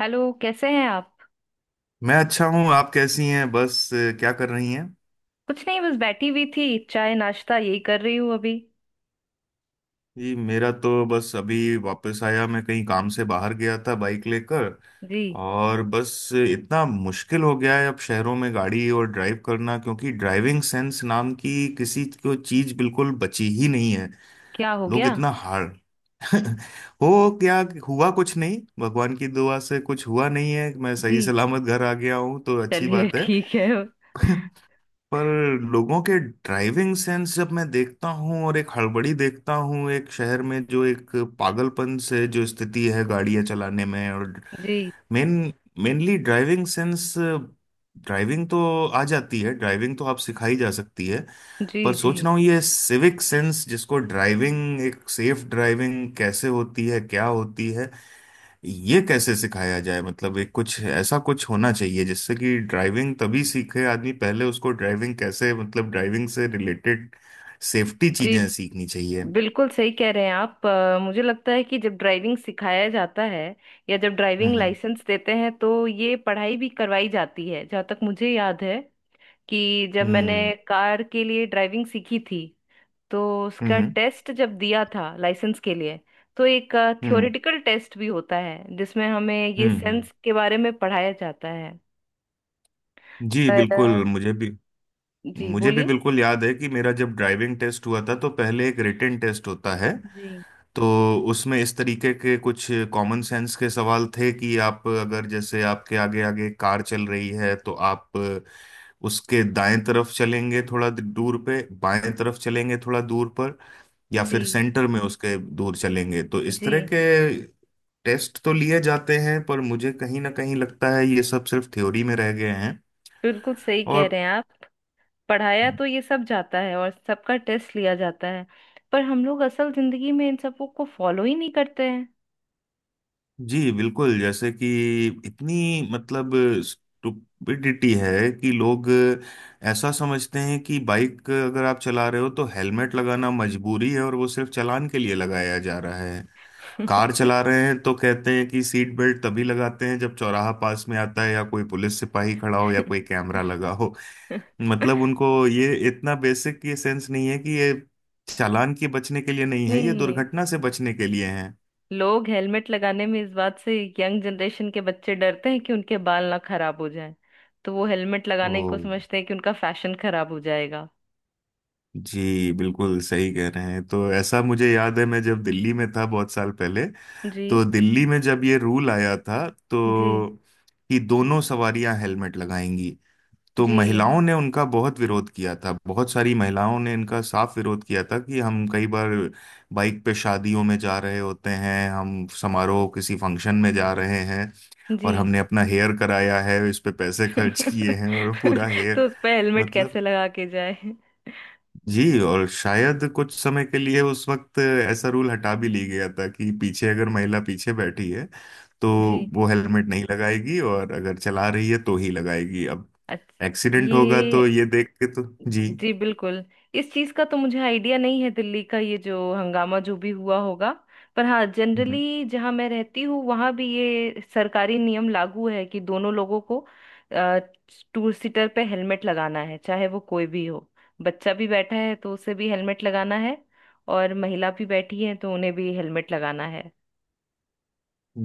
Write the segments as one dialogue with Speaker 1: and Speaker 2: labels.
Speaker 1: Hello, कैसे हैं आप।
Speaker 2: मैं अच्छा हूँ। आप कैसी हैं? बस क्या कर रही हैं?
Speaker 1: कुछ नहीं, बस बैठी हुई थी, चाय नाश्ता यही कर रही हूँ अभी।
Speaker 2: जी, मेरा तो बस अभी वापस आया, मैं कहीं काम से बाहर गया था बाइक लेकर।
Speaker 1: जी।
Speaker 2: और बस इतना मुश्किल हो गया है अब शहरों में गाड़ी और ड्राइव करना, क्योंकि ड्राइविंग सेंस नाम की किसी को चीज बिल्कुल बची ही नहीं है।
Speaker 1: क्या हो
Speaker 2: लोग
Speaker 1: गया।
Speaker 2: इतना हार हो क्या हुआ? कुछ नहीं, भगवान की दुआ से कुछ हुआ नहीं है, मैं सही
Speaker 1: जी,
Speaker 2: सलामत घर आ गया हूँ तो अच्छी
Speaker 1: चलिए
Speaker 2: बात है।
Speaker 1: ठीक है।
Speaker 2: पर लोगों के ड्राइविंग सेंस जब मैं देखता हूँ और एक हड़बड़ी देखता हूँ एक शहर में, जो एक पागलपन से जो स्थिति है गाड़ियाँ चलाने में, और
Speaker 1: जी।
Speaker 2: Main mainly driving sense. Driving तो आ जाती है, ड्राइविंग तो आप सिखाई जा सकती है। पर
Speaker 1: जी। जी।
Speaker 2: सोच रहा हूँ ये सिविक सेंस जिसको, ड्राइविंग एक सेफ ड्राइविंग कैसे होती है, क्या होती है, ये कैसे सिखाया जाए। मतलब एक कुछ ऐसा कुछ होना चाहिए जिससे कि ड्राइविंग तभी सीखे आदमी, पहले उसको ड्राइविंग कैसे मतलब ड्राइविंग से रिलेटेड सेफ्टी
Speaker 1: जी,
Speaker 2: चीजें सीखनी चाहिए।
Speaker 1: बिल्कुल सही कह रहे हैं आप। मुझे लगता है कि जब ड्राइविंग सिखाया जाता है या जब ड्राइविंग
Speaker 2: हम्म।
Speaker 1: लाइसेंस देते हैं तो ये पढ़ाई भी करवाई जाती है, जहाँ तक मुझे याद है कि जब मैंने
Speaker 2: हम्म।
Speaker 1: कार के लिए ड्राइविंग सीखी थी, तो
Speaker 2: हम्म।
Speaker 1: उसका
Speaker 2: हम्म।
Speaker 1: टेस्ट जब दिया था लाइसेंस के लिए, तो एक
Speaker 2: हम्म।
Speaker 1: थ्योरेटिकल टेस्ट भी होता है जिसमें हमें ये
Speaker 2: हम्म। हम्म।
Speaker 1: सेंस के बारे में पढ़ाया जाता है।
Speaker 2: जी
Speaker 1: पर
Speaker 2: बिल्कुल,
Speaker 1: जी
Speaker 2: मुझे भी
Speaker 1: बोलिए।
Speaker 2: बिल्कुल याद है कि मेरा जब ड्राइविंग टेस्ट हुआ था तो पहले एक रिटेन टेस्ट होता है।
Speaker 1: जी।
Speaker 2: तो उसमें इस तरीके के कुछ कॉमन सेंस के सवाल थे कि आप अगर, जैसे आपके आगे आगे कार चल रही है तो आप उसके दाएं तरफ चलेंगे थोड़ा दूर पे, बाएं तरफ चलेंगे थोड़ा दूर पर, या
Speaker 1: जी।
Speaker 2: फिर सेंटर में उसके दूर चलेंगे। तो इस तरह
Speaker 1: जी,
Speaker 2: के टेस्ट तो लिए जाते हैं, पर मुझे कहीं ना कहीं लगता है ये सब सिर्फ थ्योरी में रह गए हैं।
Speaker 1: बिल्कुल सही कह
Speaker 2: और
Speaker 1: रहे हैं आप। पढ़ाया तो ये सब जाता है और सबका टेस्ट लिया जाता है, पर हम लोग असल जिंदगी में इन सबों को फॉलो ही नहीं करते हैं।
Speaker 2: जी बिल्कुल, जैसे कि इतनी मतलब स्टुपिडिटी है कि लोग ऐसा समझते हैं कि बाइक अगर आप चला रहे हो तो हेलमेट लगाना मजबूरी है, और वो सिर्फ चालान के लिए लगाया जा रहा है। कार चला रहे हैं तो कहते हैं कि सीट बेल्ट तभी लगाते हैं जब चौराहा पास में आता है, या कोई पुलिस सिपाही खड़ा हो या कोई कैमरा लगा हो। मतलब उनको ये इतना बेसिक ये सेंस नहीं है कि ये चालान के बचने के लिए नहीं है, ये
Speaker 1: नहीं।
Speaker 2: दुर्घटना से बचने के लिए
Speaker 1: लोग हेलमेट लगाने में इस बात से, यंग जनरेशन के बच्चे डरते हैं कि उनके बाल ना खराब हो जाएं, तो वो हेलमेट
Speaker 2: है।
Speaker 1: लगाने को समझते हैं कि उनका फैशन खराब हो जाएगा।
Speaker 2: जी बिल्कुल सही कह रहे हैं। तो ऐसा मुझे याद है, मैं जब दिल्ली में था बहुत साल पहले,
Speaker 1: जी।
Speaker 2: तो दिल्ली में जब ये रूल आया था
Speaker 1: जी।
Speaker 2: तो, कि दोनों सवारियां हेलमेट लगाएंगी, तो
Speaker 1: जी।
Speaker 2: महिलाओं ने उनका बहुत विरोध किया था। बहुत सारी महिलाओं ने इनका साफ विरोध किया था कि हम कई बार बाइक पे शादियों में जा रहे होते हैं, हम समारोह, किसी फंक्शन में जा रहे हैं
Speaker 1: जी।
Speaker 2: और हमने अपना हेयर कराया है, इस पे पैसे खर्च किए हैं और पूरा हेयर
Speaker 1: तो उस पर हेलमेट
Speaker 2: मतलब।
Speaker 1: कैसे लगा के जाए।
Speaker 2: जी, और शायद कुछ समय के लिए उस वक्त ऐसा रूल हटा भी ली गया था कि पीछे अगर महिला पीछे बैठी है तो
Speaker 1: जी।
Speaker 2: वो हेलमेट नहीं लगाएगी, और अगर चला रही है तो ही लगाएगी। अब
Speaker 1: अच्छा।
Speaker 2: एक्सीडेंट होगा तो
Speaker 1: ये,
Speaker 2: ये देख के तो। जी।
Speaker 1: जी बिल्कुल। इस चीज का तो मुझे आइडिया नहीं है, दिल्ली का ये जो हंगामा जो भी हुआ होगा। पर हाँ, जनरली जहाँ मैं रहती हूँ वहाँ भी ये सरकारी नियम लागू है कि दोनों लोगों को टू सीटर पे हेलमेट लगाना है, चाहे वो कोई भी हो। बच्चा भी बैठा है तो उसे भी हेलमेट लगाना है, और महिला भी बैठी है तो उन्हें भी हेलमेट लगाना है।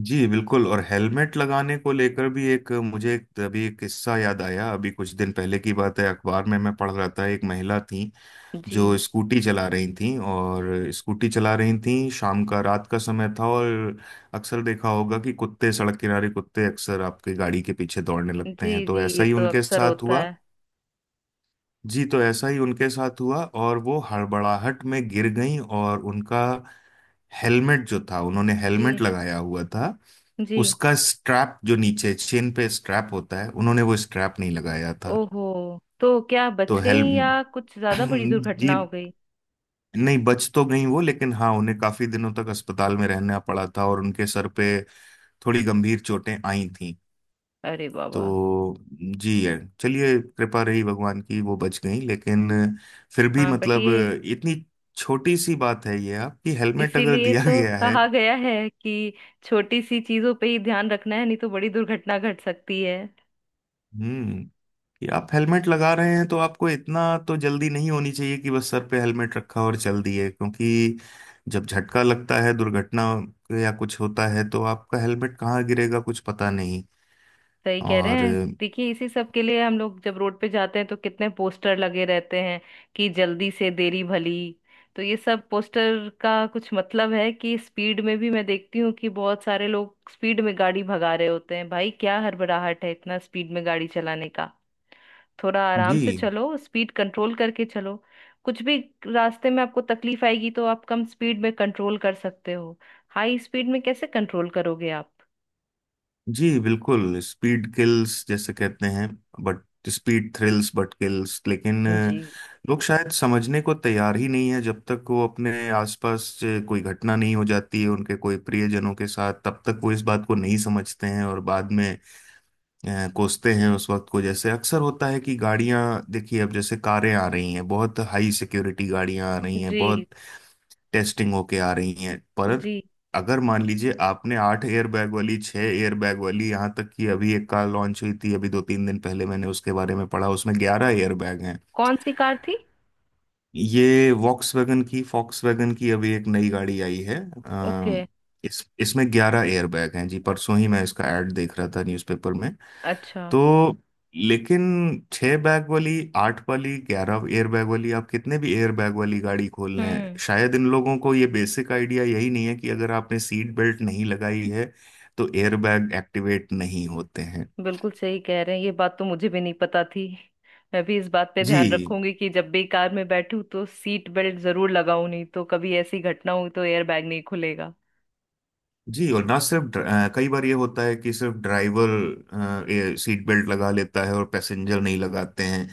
Speaker 2: जी बिल्कुल, और हेलमेट लगाने को लेकर भी अभी एक किस्सा याद आया। अभी कुछ दिन पहले की बात है, अखबार में मैं पढ़ रहा था, एक महिला थी
Speaker 1: जी।
Speaker 2: जो स्कूटी चला रही थी,
Speaker 1: जी।
Speaker 2: और स्कूटी चला रही थी, शाम का रात का समय था और अक्सर देखा होगा कि कुत्ते सड़क किनारे, कुत्ते अक्सर आपके गाड़ी के पीछे दौड़ने लगते
Speaker 1: जी।
Speaker 2: हैं, तो
Speaker 1: जी,
Speaker 2: ऐसा
Speaker 1: ये
Speaker 2: ही
Speaker 1: तो
Speaker 2: उनके
Speaker 1: अक्सर
Speaker 2: साथ
Speaker 1: होता
Speaker 2: हुआ।
Speaker 1: है।
Speaker 2: जी, तो ऐसा ही उनके साथ हुआ और वो हड़बड़ाहट में गिर गई, और उनका हेलमेट जो था, उन्होंने
Speaker 1: जी।
Speaker 2: हेलमेट लगाया हुआ था।
Speaker 1: जी।
Speaker 2: उसका स्ट्रैप जो नीचे चेन पे स्ट्रैप होता है, उन्होंने वो स्ट्रैप नहीं लगाया था।
Speaker 1: ओहो, तो क्या
Speaker 2: तो
Speaker 1: बच गई
Speaker 2: हेल
Speaker 1: या कुछ ज्यादा बड़ी दुर्घटना
Speaker 2: जी
Speaker 1: हो गई।
Speaker 2: नहीं, बच तो गई वो, लेकिन हाँ उन्हें काफी दिनों तक अस्पताल में रहना पड़ा था, और उनके सर पे थोड़ी गंभीर चोटें आई।
Speaker 1: अरे बाबा।
Speaker 2: तो जी है, चलिए कृपा रही भगवान की वो बच गई, लेकिन फिर भी
Speaker 1: हाँ, बट
Speaker 2: मतलब,
Speaker 1: ये,
Speaker 2: इतनी छोटी सी बात है ये आपकी हेलमेट अगर
Speaker 1: इसीलिए
Speaker 2: दिया
Speaker 1: तो
Speaker 2: गया है।
Speaker 1: कहा गया है कि छोटी सी चीजों पे ही ध्यान रखना है, नहीं तो बड़ी दुर्घटना घट सकती है।
Speaker 2: हम्म। कि आप हेलमेट लगा रहे हैं, तो आपको इतना तो जल्दी नहीं होनी चाहिए कि बस सर पे हेलमेट रखा और चल दिए, क्योंकि जब झटका लगता है दुर्घटना या कुछ होता है तो आपका हेलमेट कहाँ गिरेगा कुछ पता नहीं।
Speaker 1: सही कह रहे
Speaker 2: और
Speaker 1: हैं। देखिए, इसी सब के लिए हम लोग जब रोड पे जाते हैं तो कितने पोस्टर लगे रहते हैं, कि जल्दी से देरी भली। तो ये सब पोस्टर का कुछ मतलब है, कि स्पीड में भी मैं देखती हूँ कि बहुत सारे लोग स्पीड में गाड़ी भगा रहे होते हैं, भाई क्या हड़बड़ाहट है इतना स्पीड में गाड़ी चलाने का। थोड़ा आराम
Speaker 2: जी।
Speaker 1: से चलो, स्पीड कंट्रोल करके चलो। कुछ भी रास्ते में आपको तकलीफ आएगी तो आप कम स्पीड में कंट्रोल कर सकते हो, हाई स्पीड में कैसे कंट्रोल करोगे आप।
Speaker 2: जी बिल्कुल, स्पीड किल्स जैसे कहते हैं, but speed thrills but kills. लेकिन
Speaker 1: जी।
Speaker 2: लोग शायद समझने को तैयार ही नहीं है जब तक वो अपने आसपास कोई घटना नहीं हो जाती है उनके कोई प्रियजनों के साथ, तब तक वो इस बात को नहीं समझते हैं, और बाद में कोसते हैं उस वक्त को। जैसे अक्सर होता है कि गाड़ियां, देखिए अब जैसे कारें आ रही हैं, बहुत हाई सिक्योरिटी गाड़ियां आ रही हैं,
Speaker 1: जी।
Speaker 2: बहुत टेस्टिंग होके आ रही हैं, पर
Speaker 1: जी।
Speaker 2: अगर मान लीजिए आपने 8 एयरबैग वाली, 6 एयरबैग वाली, यहाँ तक कि अभी एक कार लॉन्च हुई थी अभी दो तीन दिन पहले, मैंने उसके बारे में पढ़ा, उसमें 11 एयरबैग हैं।
Speaker 1: कौन सी कार थी।
Speaker 2: ये वॉक्सवैगन की वैगन की अभी एक नई गाड़ी आई है।
Speaker 1: ओके।
Speaker 2: अ, इस इसमें 11 एयरबैग हैं जी, परसों ही मैं इसका एड देख रहा था न्यूज़पेपर में।
Speaker 1: अच्छा।
Speaker 2: तो लेकिन 6 बैग वाली, आठ वाली, 11 एयर बैग वाली, आप कितने भी एयर बैग वाली गाड़ी खोल लें,
Speaker 1: हम्म।
Speaker 2: शायद इन लोगों को ये बेसिक आइडिया यही नहीं है कि अगर आपने सीट बेल्ट नहीं लगाई है तो एयर बैग एक्टिवेट नहीं होते हैं।
Speaker 1: बिल्कुल सही कह रहे हैं, ये बात तो मुझे भी नहीं पता थी। मैं भी इस बात पे ध्यान
Speaker 2: जी।
Speaker 1: रखूंगी कि जब भी कार में बैठूं तो सीट बेल्ट जरूर लगाऊं, नहीं तो कभी ऐसी घटना हुई तो एयर बैग नहीं खुलेगा।
Speaker 2: जी, और ना सिर्फ कई बार ये होता है कि सिर्फ ड्राइवर सीट बेल्ट लगा लेता है और पैसेंजर नहीं लगाते हैं।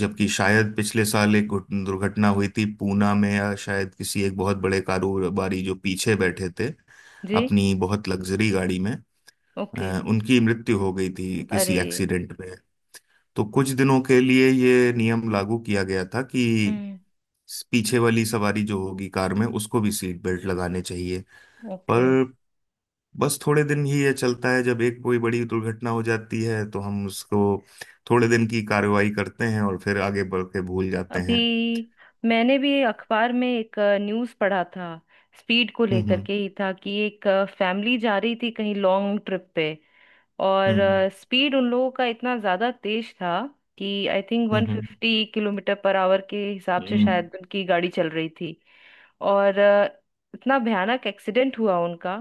Speaker 2: जबकि शायद पिछले साल एक दुर्घटना हुई थी पूना में, या शायद किसी, एक बहुत बड़े कारोबारी जो पीछे बैठे थे
Speaker 1: जी।
Speaker 2: अपनी बहुत लग्जरी गाड़ी में,
Speaker 1: ओके।
Speaker 2: उनकी मृत्यु हो गई थी किसी
Speaker 1: अरे।
Speaker 2: एक्सीडेंट में। तो कुछ दिनों के लिए ये नियम लागू किया गया था कि
Speaker 1: हम्म।
Speaker 2: पीछे वाली सवारी जो होगी कार में, उसको भी सीट बेल्ट लगाने चाहिए। पर
Speaker 1: ओके।
Speaker 2: बस थोड़े दिन ही ये चलता है, जब एक कोई बड़ी दुर्घटना हो जाती है तो हम उसको थोड़े दिन की कार्रवाई करते हैं और फिर आगे बढ़ के भूल जाते हैं।
Speaker 1: अभी मैंने भी अखबार में एक न्यूज़ पढ़ा था, स्पीड को लेकर
Speaker 2: हम्म।
Speaker 1: के ही था। कि एक फैमिली जा रही थी कहीं लॉन्ग ट्रिप पे, और
Speaker 2: हम्म।
Speaker 1: स्पीड उन लोगों का इतना ज़्यादा तेज था कि I think
Speaker 2: hmm. Hmm.
Speaker 1: 150 kilometre per hour के हिसाब से
Speaker 2: हम्म।
Speaker 1: शायद उनकी गाड़ी चल रही थी। और इतना भयानक एक्सीडेंट हुआ उनका।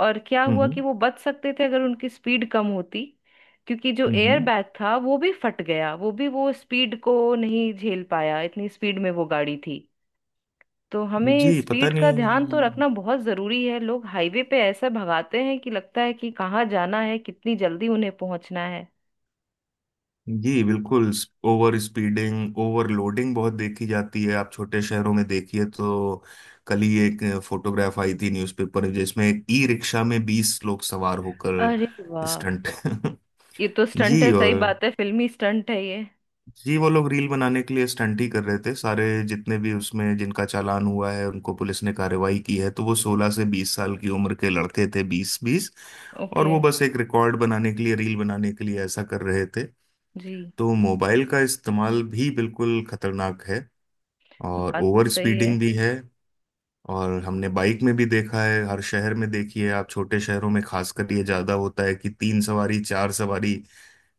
Speaker 1: और क्या
Speaker 2: हम्म। हम्म।
Speaker 1: हुआ कि वो बच सकते थे अगर उनकी स्पीड कम होती, क्योंकि जो
Speaker 2: हम्म,
Speaker 1: एयर
Speaker 2: हम्म।
Speaker 1: बैग था वो भी फट गया, वो भी वो स्पीड को नहीं झेल पाया, इतनी स्पीड में वो गाड़ी थी। तो हमें
Speaker 2: जी पता
Speaker 1: स्पीड का ध्यान तो
Speaker 2: नहीं।
Speaker 1: रखना बहुत जरूरी है, लोग हाईवे पे ऐसा भगाते हैं कि लगता है कि कहाँ जाना है, कितनी जल्दी उन्हें पहुंचना है।
Speaker 2: जी बिल्कुल, ओवर स्पीडिंग, ओवरलोडिंग बहुत देखी जाती है, आप छोटे शहरों में देखिए तो। कल ही एक फोटोग्राफ आई थी न्यूज़पेपर में जिसमें ई रिक्शा में 20 लोग सवार होकर
Speaker 1: अरे वाह।
Speaker 2: स्टंट।
Speaker 1: ये तो स्टंट
Speaker 2: जी,
Speaker 1: है, सही
Speaker 2: और
Speaker 1: बात है, फिल्मी स्टंट है ये।
Speaker 2: जी वो लोग रील बनाने के लिए स्टंट ही कर रहे थे सारे, जितने भी उसमें जिनका चालान हुआ है, उनको पुलिस ने कार्रवाई की है, तो वो 16 से 20 साल की उम्र के लड़के थे, बीस बीस। और
Speaker 1: ओके।
Speaker 2: वो बस एक रिकॉर्ड बनाने के लिए, रील बनाने के लिए ऐसा कर रहे थे।
Speaker 1: जी।
Speaker 2: तो मोबाइल का इस्तेमाल भी बिल्कुल खतरनाक है, और
Speaker 1: बात तो
Speaker 2: ओवर
Speaker 1: सही है।
Speaker 2: स्पीडिंग भी है। और हमने बाइक में भी देखा है, हर शहर में देखिए आप, छोटे शहरों में खासकर ये ज्यादा होता है कि 3 सवारी, 4 सवारी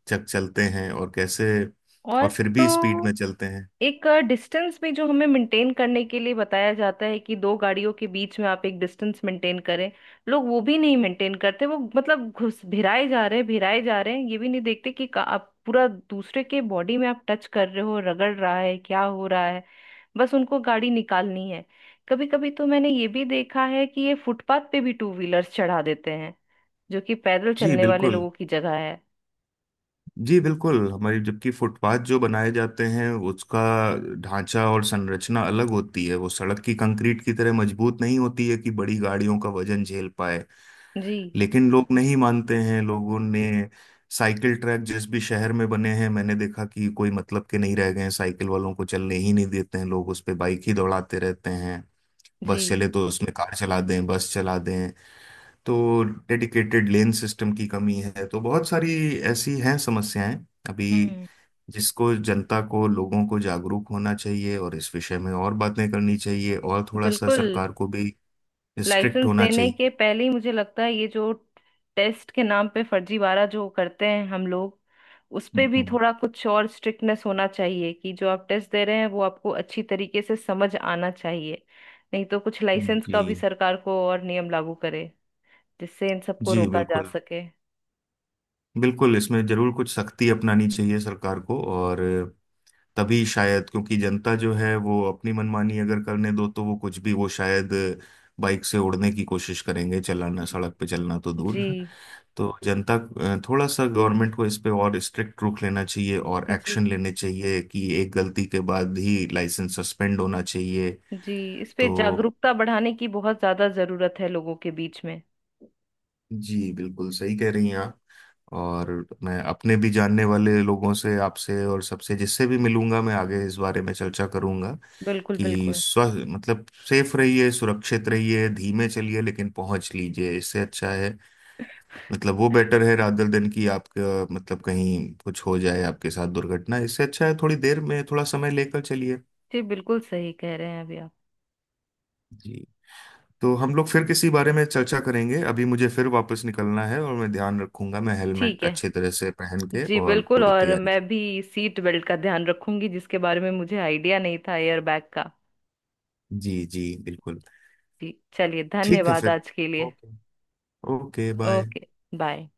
Speaker 2: चक चलते हैं और कैसे,
Speaker 1: और
Speaker 2: और फिर भी स्पीड
Speaker 1: तो
Speaker 2: में चलते हैं।
Speaker 1: एक डिस्टेंस भी जो हमें मेंटेन करने के लिए बताया जाता है कि दो गाड़ियों के बीच में आप एक डिस्टेंस मेंटेन करें, लोग वो भी नहीं मेंटेन करते, वो मतलब घुस भिराए जा रहे हैं भिराए जा रहे हैं, ये भी नहीं देखते कि आप पूरा दूसरे के बॉडी में आप टच कर रहे हो, रगड़ रहा है, क्या हो रहा है, बस उनको गाड़ी निकालनी है। कभी कभी तो मैंने ये भी देखा है कि ये फुटपाथ पे भी टू व्हीलर्स चढ़ा देते हैं, जो कि पैदल
Speaker 2: जी
Speaker 1: चलने वाले
Speaker 2: बिल्कुल।
Speaker 1: लोगों की जगह है।
Speaker 2: जी बिल्कुल हमारी, जबकि फुटपाथ जो बनाए जाते हैं उसका ढांचा और संरचना अलग होती है, वो सड़क की कंक्रीट की तरह मजबूत नहीं होती है कि बड़ी गाड़ियों का वजन झेल पाए।
Speaker 1: जी।
Speaker 2: लेकिन लोग नहीं मानते हैं। लोगों ने साइकिल ट्रैक जिस भी शहर में बने हैं, मैंने देखा कि कोई मतलब के नहीं रह गए हैं, साइकिल वालों को चलने ही नहीं देते हैं लोग, उस पे बाइक ही दौड़ाते रहते हैं।
Speaker 1: जी।
Speaker 2: बस चले तो उसमें कार चला दें, बस चला दें। तो डेडिकेटेड लेन सिस्टम की कमी है, तो बहुत सारी ऐसी हैं समस्याएं अभी,
Speaker 1: हम्म।
Speaker 2: जिसको जनता को, लोगों को जागरूक होना चाहिए, और इस विषय में और बातें करनी चाहिए और थोड़ा सा
Speaker 1: बिल्कुल।
Speaker 2: सरकार को भी स्ट्रिक्ट
Speaker 1: लाइसेंस
Speaker 2: होना
Speaker 1: देने के
Speaker 2: चाहिए।
Speaker 1: पहले ही मुझे लगता है ये जो टेस्ट के नाम पे फर्जीवाड़ा जो करते हैं हम लोग, उस पे भी
Speaker 2: हम्म।
Speaker 1: थोड़ा कुछ और स्ट्रिक्टनेस होना चाहिए कि जो आप टेस्ट दे रहे हैं वो आपको अच्छी तरीके से समझ आना चाहिए। नहीं तो कुछ लाइसेंस का भी
Speaker 2: जी।
Speaker 1: सरकार को और नियम लागू करे, जिससे इन सबको
Speaker 2: जी
Speaker 1: रोका जा
Speaker 2: बिल्कुल,
Speaker 1: सके।
Speaker 2: बिल्कुल इसमें जरूर कुछ सख्ती अपनानी चाहिए सरकार को, और तभी शायद, क्योंकि जनता जो है वो अपनी मनमानी अगर करने दो तो वो कुछ भी, वो शायद बाइक से उड़ने की कोशिश करेंगे, चलाना
Speaker 1: जी।
Speaker 2: सड़क पे चलना तो दूर।
Speaker 1: जी।
Speaker 2: तो जनता, थोड़ा सा गवर्नमेंट को इस पे और स्ट्रिक्ट रुख लेना चाहिए और
Speaker 1: जी।
Speaker 2: एक्शन लेने चाहिए कि एक गलती के बाद ही लाइसेंस सस्पेंड होना चाहिए।
Speaker 1: जी। इस पे
Speaker 2: तो
Speaker 1: जागरूकता बढ़ाने की बहुत ज्यादा जरूरत है लोगों के बीच में।
Speaker 2: जी बिल्कुल सही कह रही हैं आप। और मैं अपने भी जानने वाले लोगों से, आपसे और सबसे जिससे भी मिलूंगा मैं, आगे इस बारे में चर्चा करूंगा
Speaker 1: बिल्कुल
Speaker 2: कि
Speaker 1: बिल्कुल।
Speaker 2: स्व मतलब सेफ रहिए, सुरक्षित रहिए, धीमे चलिए लेकिन पहुंच लीजिए, इससे अच्छा है। मतलब वो बेटर है रात दर दिन की आपका, मतलब कहीं कुछ हो जाए आपके साथ दुर्घटना, इससे अच्छा है थोड़ी देर में थोड़ा समय लेकर चलिए।
Speaker 1: जी बिल्कुल सही कह रहे हैं अभी आप।
Speaker 2: जी। तो हम लोग फिर किसी बारे में चर्चा करेंगे, अभी मुझे फिर वापस निकलना है, और मैं ध्यान रखूंगा, मैं
Speaker 1: ठीक
Speaker 2: हेलमेट
Speaker 1: है।
Speaker 2: अच्छे तरह से पहन के
Speaker 1: जी
Speaker 2: और
Speaker 1: बिल्कुल।
Speaker 2: पूरी
Speaker 1: और
Speaker 2: तैयारी।
Speaker 1: मैं भी सीट बेल्ट का ध्यान रखूंगी, जिसके बारे में मुझे आइडिया नहीं था एयर बैग का।
Speaker 2: जी, जी बिल्कुल।
Speaker 1: जी। चलिए,
Speaker 2: ठीक है
Speaker 1: धन्यवाद
Speaker 2: फिर।
Speaker 1: आज के लिए।
Speaker 2: Okay. Okay bye.
Speaker 1: Okay bye.